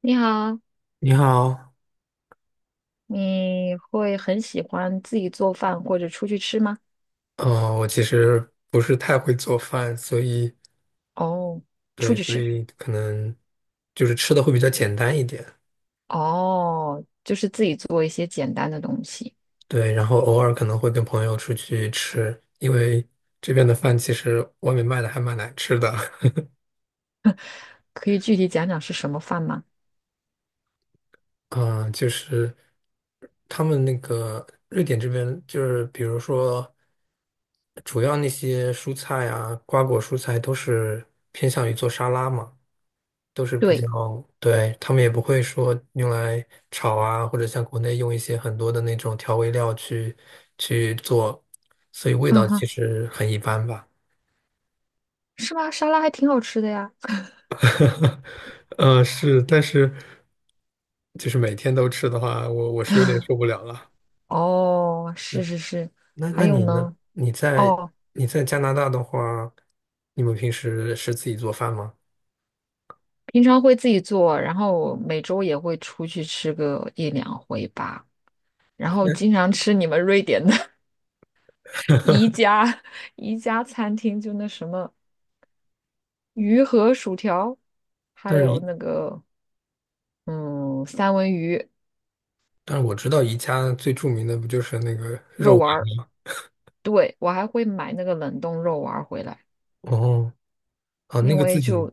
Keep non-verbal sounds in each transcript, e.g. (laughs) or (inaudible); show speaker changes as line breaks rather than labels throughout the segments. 你好，
你好，
你会很喜欢自己做饭或者出去吃吗？
我其实不是太会做饭，所以
哦，出
对，
去
所
吃，
以可能就是吃的会比较简单一点，
哦，就是自己做一些简单的东西，
对，然后偶尔可能会跟朋友出去吃，因为这边的饭其实外面卖的还蛮难吃的。
可以具体讲讲是什么饭吗？
(laughs) 嗯、就是他们那个瑞典这边就是比如说主要那些蔬菜啊，瓜果蔬菜都是偏向于做沙拉嘛。都是比
对，
较，对，他们也不会说用来炒啊，或者像国内用一些很多的那种调味料去做，所以味
嗯
道其
哼，
实很一般吧。
是吗？沙拉还挺好吃的呀。
(laughs) 是，但是就是每天都吃的话，我是有点受不了了。
哦，是
对。
是是，
那
还
那
有
你呢？
呢？
你在
哦，
你在加拿大的话，你们平时是自己做饭吗？
平常会自己做，然后每周也会出去吃个一两回吧，然后
但
经常吃你们瑞典的 (laughs) 宜家宜家餐厅，就那什么。鱼和薯条，
但
还
是
有
宜
那个嗯三文鱼
但是我知道宜家最著名的不就是那个肉
肉
丸。
丸儿。对，我还会买那个冷冻肉丸儿回来，
哦哦，啊
因
那个
为
自己
就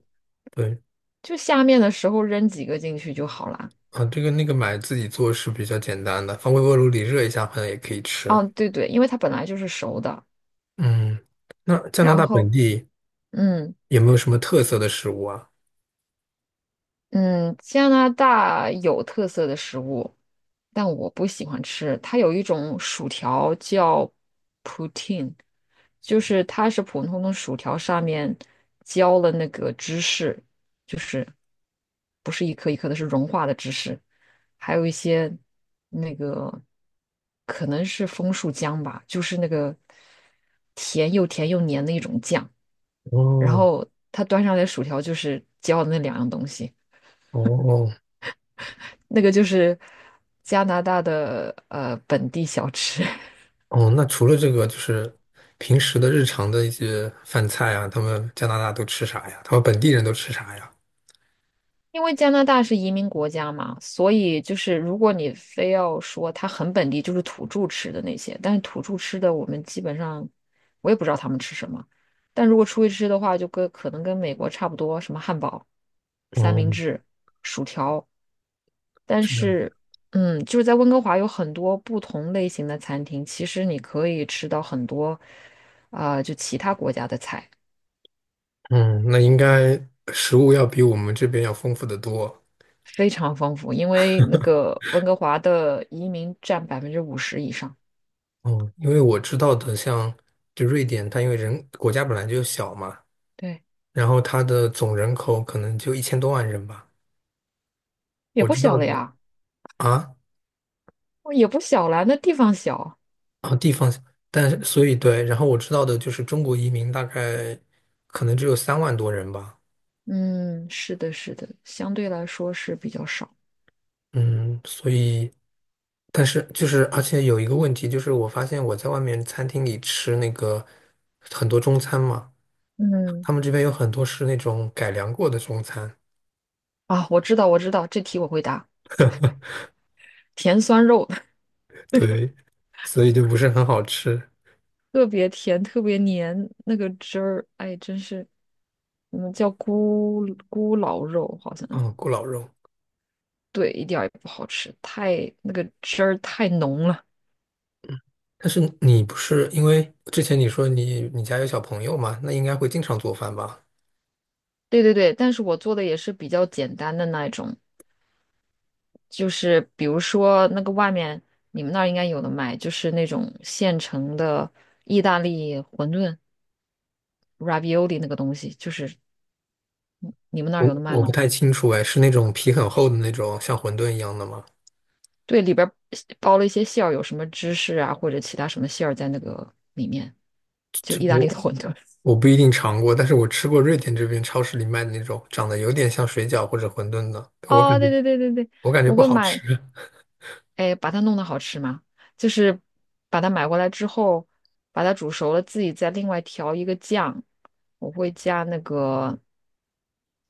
对。
就下面的时候扔几个进去就好啦。
啊，这个那个买自己做是比较简单的，放微波炉里热一下，好像也可以吃。
哦，对对，因为它本来就是熟的，
嗯，那加拿
然
大本
后
地
嗯。
有没有什么特色的食物啊？
嗯，加拿大有特色的食物，但我不喜欢吃。它有一种薯条叫 poutine 就是它是普通的薯条上面浇了那个芝士，就是不是一颗一颗的，是融化的芝士，还有一些那个可能是枫树浆吧，就是那个甜又甜又黏的一种酱。然
哦
后它端上来的薯条就是浇的那两样东西。
哦
那个就是加拿大的本地小吃，(laughs)
哦，那除了这个，就是平时的日常的一些饭菜啊，他们加拿大都吃啥呀？他们本地人都吃啥呀？
因为加拿大是移民国家嘛，所以就是如果你非要说它很本地，就是土著吃的那些，但是土著吃的我们基本上我也不知道他们吃什么，但如果出去吃的话，就跟可能跟美国差不多，什么汉堡、三
哦，
明治、薯条，但
是这样。
是。嗯，就是在温哥华有很多不同类型的餐厅，其实你可以吃到很多，啊、就其他国家的菜。
嗯，那应该食物要比我们这边要丰富得多。
非常丰富，因为那个温哥华的移民占50%以上，
哦，因为我知道的像，就瑞典，它因为人国家本来就小嘛。
对，
然后它的总人口可能就1000多万人吧。
也
我
不
知道
小了
的
呀，
啊，
哦也不小了，那地方小，
啊地方，但是所以对，然后我知道的就是中国移民大概可能只有3万多人吧。
嗯，是的，是的，相对来说是比较少，
嗯，所以但是就是而且有一个问题就是，我发现我在外面餐厅里吃那个很多中餐嘛，
嗯，
他们这边有很多是那种改良过的中餐，
啊，我知道，我知道，这题我会答，甜酸肉，(laughs)
对，所以就不是很好吃。
特别甜，特别黏，那个汁儿，哎，真是，嗯，叫咕咕老肉，好像
嗯，咕老肉。
对，一点儿也不好吃，太那个汁儿太浓了。
但是你不是因为之前你说你家有小朋友嘛，那应该会经常做饭吧？
对对对，但是我做的也是比较简单的那一种，就是比如说那个外面你们那儿应该有的卖，就是那种现成的意大利馄饨 （(ravioli) 那个东西，就是你们那儿
我
有的卖
我不
吗？
太清楚哎，是那种皮很厚的那种像馄饨一样的吗？
对，里边儿包了一些馅儿，有什么芝士啊或者其他什么馅儿在那个里面，就
这
意大
我
利的馄饨。
我不一定尝过，但是我吃过瑞典这边超市里卖的那种长得有点像水饺或者馄饨的，我
哦，
感觉
对对对对对，
我感觉
我
不
会
好
买，
吃。
哎，把它弄得好吃吗？就是把它买过来之后，把它煮熟了，自己再另外调一个酱。我会加那个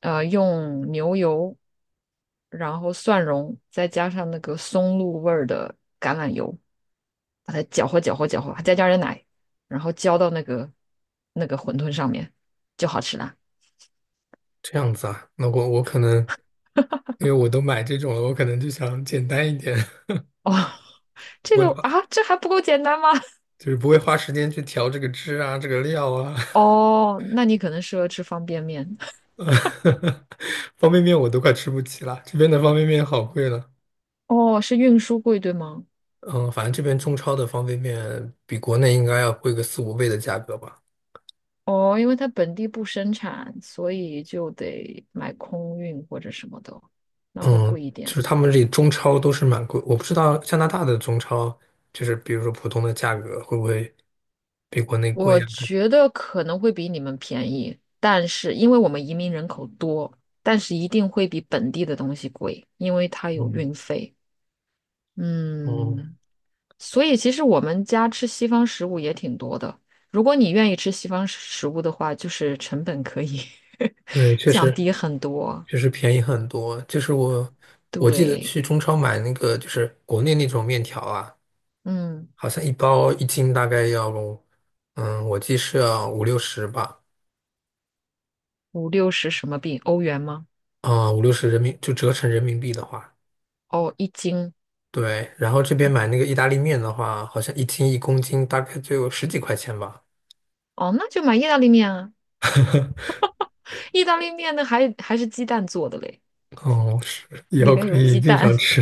用牛油，然后蒜蓉，再加上那个松露味儿的橄榄油，把它搅和搅和搅和，再加点奶，然后浇到那个那个馄饨上面，就好吃啦。
这样子啊，那我可能因为我都买这种了，我可能就想简单一点。(laughs)
哦，(laughs) 这
不会
个
花
啊，这还不够简单吗？(laughs)
就是不会花时间去调这个汁啊，这个料啊。(laughs)
哦，那你可能适合吃方便面。
(laughs) 方便面我都快吃不起了，这边的方便面好贵了。
哦，是运输贵，对吗？
嗯，反正这边中超的方便面比国内应该要贵个四五倍的价格吧。
哦，因为它本地不生产，所以就得买空运或者什么的，那会
嗯，
贵一
就
点。
是他们这里中超都是蛮贵，我不知道加拿大的中超，就是比如说普通的价格会不会比国内贵
我
啊？
觉得可能会比你们便宜，但是因为我们移民人口多，但是一定会比本地的东西贵，因为它有
嗯
运费。
嗯，
嗯，所以其实我们家吃西方食物也挺多的。如果你愿意吃西方食物的话，就是成本可以
对，
(laughs)
确
降
实
低很多。
确实便宜很多。就是我记得
对，
去中超买那个，就是国内那种面条啊。
嗯，
好像一包一斤大概要，我记是要五六十吧，
五六十什么币？欧元吗？
啊、五六十人民就折成人民币的话，
哦，一斤
对。然后这边
还
买那个意大利面的话，好像一斤一公斤大概就10几块钱吧。
哦，那就买意大利面啊。
(laughs)。
意大利面呢还是鸡蛋做的嘞，
哦，是，以
里
后
边
可
有
以
鸡
经
蛋。
常吃。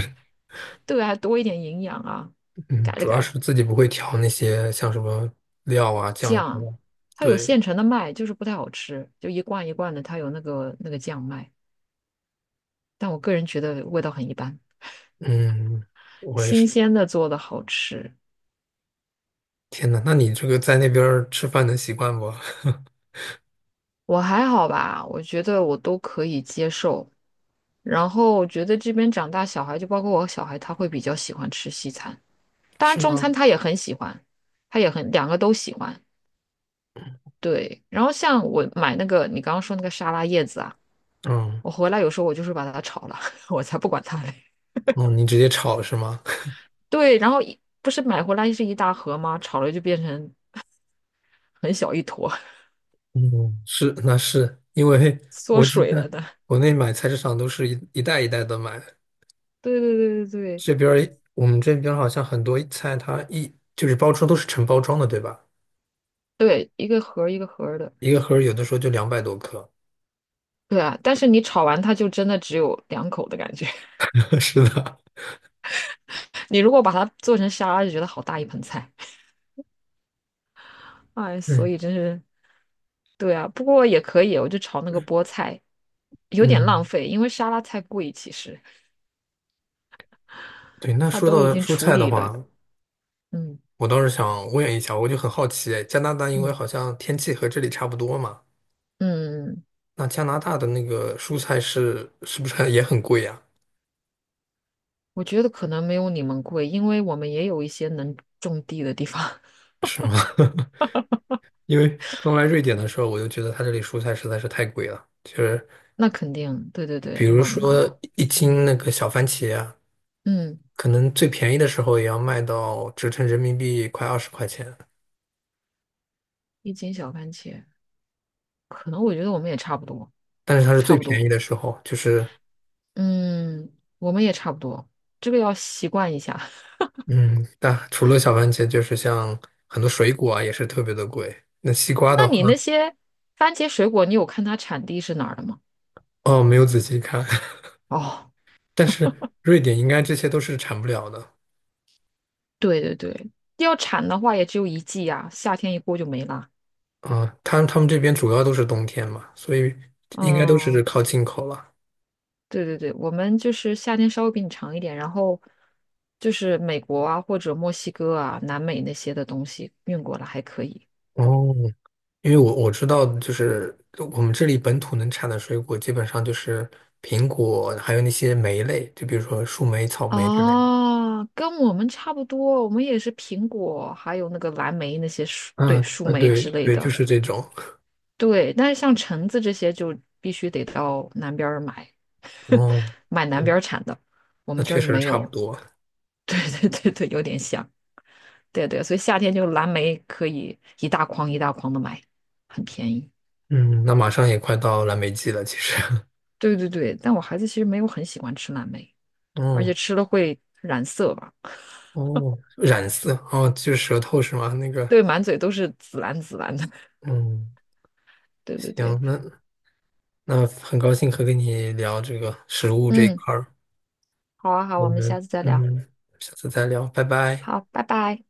对，还多一点营养啊。
嗯，
改了
主
改
要
了，
是自己不会调那些像什么料啊、酱汁
酱，
啊，
它有现
对，
成的卖，就是不太好吃，就一罐一罐的，它有那个那个酱卖，但我个人觉得味道很一般。
嗯，我也
新
是。
鲜的做的好吃，
天呐，那你这个在那边儿吃饭能习惯不？
我还好吧，我觉得我都可以接受。然后我觉得这边长大小孩，就包括我小孩，他会比较喜欢吃西餐，
(laughs)
当然
是
中餐
吗？
他也很喜欢，他也很两个都喜欢。对，然后像我买那个你刚刚说那个沙拉叶子啊。
嗯，
我回来有时候我就是把它炒了，(laughs) 我才不管它嘞。
哦，你直接炒是吗？
对，然后不是买回来是一大盒吗？炒了就变成 (laughs) 很小一坨，
嗯，是，那是因为
(laughs)
(laughs)
缩
我记
水了
得
的。
国内买菜市场都是一袋一袋的买，
对对对对对
这边儿我们这边儿好像很多菜它一就是包装都是成包装的，对吧？
对，一个盒儿一个盒儿的。
一个盒儿有的时候就200多克。
对啊，但是你炒完它就真的只有两口的感觉。
(laughs) 是的。
(laughs) 你如果把它做成沙拉，就觉得好大一盆菜。哎，
(laughs)
所
嗯
以真是对啊，不过也可以，我就炒那个菠菜，有点浪
嗯，
费，因为沙拉菜贵，其实
对。那
它
说
都已
到
经
蔬
处
菜的
理
话，
了。嗯
我倒是想问一下，我就很好奇，哎加拿大因为
嗯
好像天气和这里差不多嘛，
嗯。嗯嗯
那加拿大的那个蔬菜是不是 (laughs) 还也很贵呀？
我觉得可能没有你们贵，因为我们也有一些能种地的地方。(laughs)
因为刚来瑞典的时候，我就觉得它这里蔬菜实在是太贵了，其实。
那肯定，对对对，
比如
冷嘛，
说一斤
嗯
那个小番茄啊，
嗯，
可能最便宜的时候也要卖到折成人民币快20块钱，
一斤小番茄，可能我觉得我们也差不多，
但是它是
差
最
不
便宜
多，
的时候，就是
嗯，我们也差不多，这个要习惯一下。(laughs)
嗯，但除了小番茄，就是像很多水果啊也是特别的贵。那西瓜的
那
话，
你那些番茄水果，你有看它产地是哪儿的吗？
哦，没有仔细看。
哦，
(laughs) 但是瑞典应该这些都是产不了的。
对对对，要产的话也只有一季呀，夏天一过就没啦。
啊，他们这边主要都是冬天嘛，所以应该都是
嗯，
靠进口了。
对对对，我们就是夏天稍微比你长一点，然后就是美国啊或者墨西哥啊、南美那些的东西运过来还可以。
哦，因为我知道，就是我们这里本土能产的水果，基本上就是苹果，还有那些莓类，就比如说树莓、草莓之类的。
啊，跟我们差不多，我们也是苹果，还有那个蓝莓那些树，对，
嗯
树
啊，
莓
对
之类
对，就
的。
是这种。
对，但是像橙子这些就必须得到南边儿买，
哦，
(laughs) 买南边
嗯
儿产的，我
那
们这
确
儿就
实
没
差不
有。
多。
(laughs) 对对对对，有点像。对对，所以夏天就蓝莓可以一大筐一大筐的买，很便宜。
嗯，那马上也快到蓝莓季了，其实。(laughs)
对对对，但我孩子其实没有很喜欢吃蓝莓，而
哦
且吃了会染色吧？
哦，(laughs) 染色哦，就是舌头是吗？那个，
对，满嘴都是紫蓝紫蓝的。(laughs)
嗯，
对对
行，
对，
那很高兴和跟你聊这个食物这一
嗯，
块儿，
好啊好，
我
我们下
们
次再聊。
下次再聊，拜拜。
好，拜拜。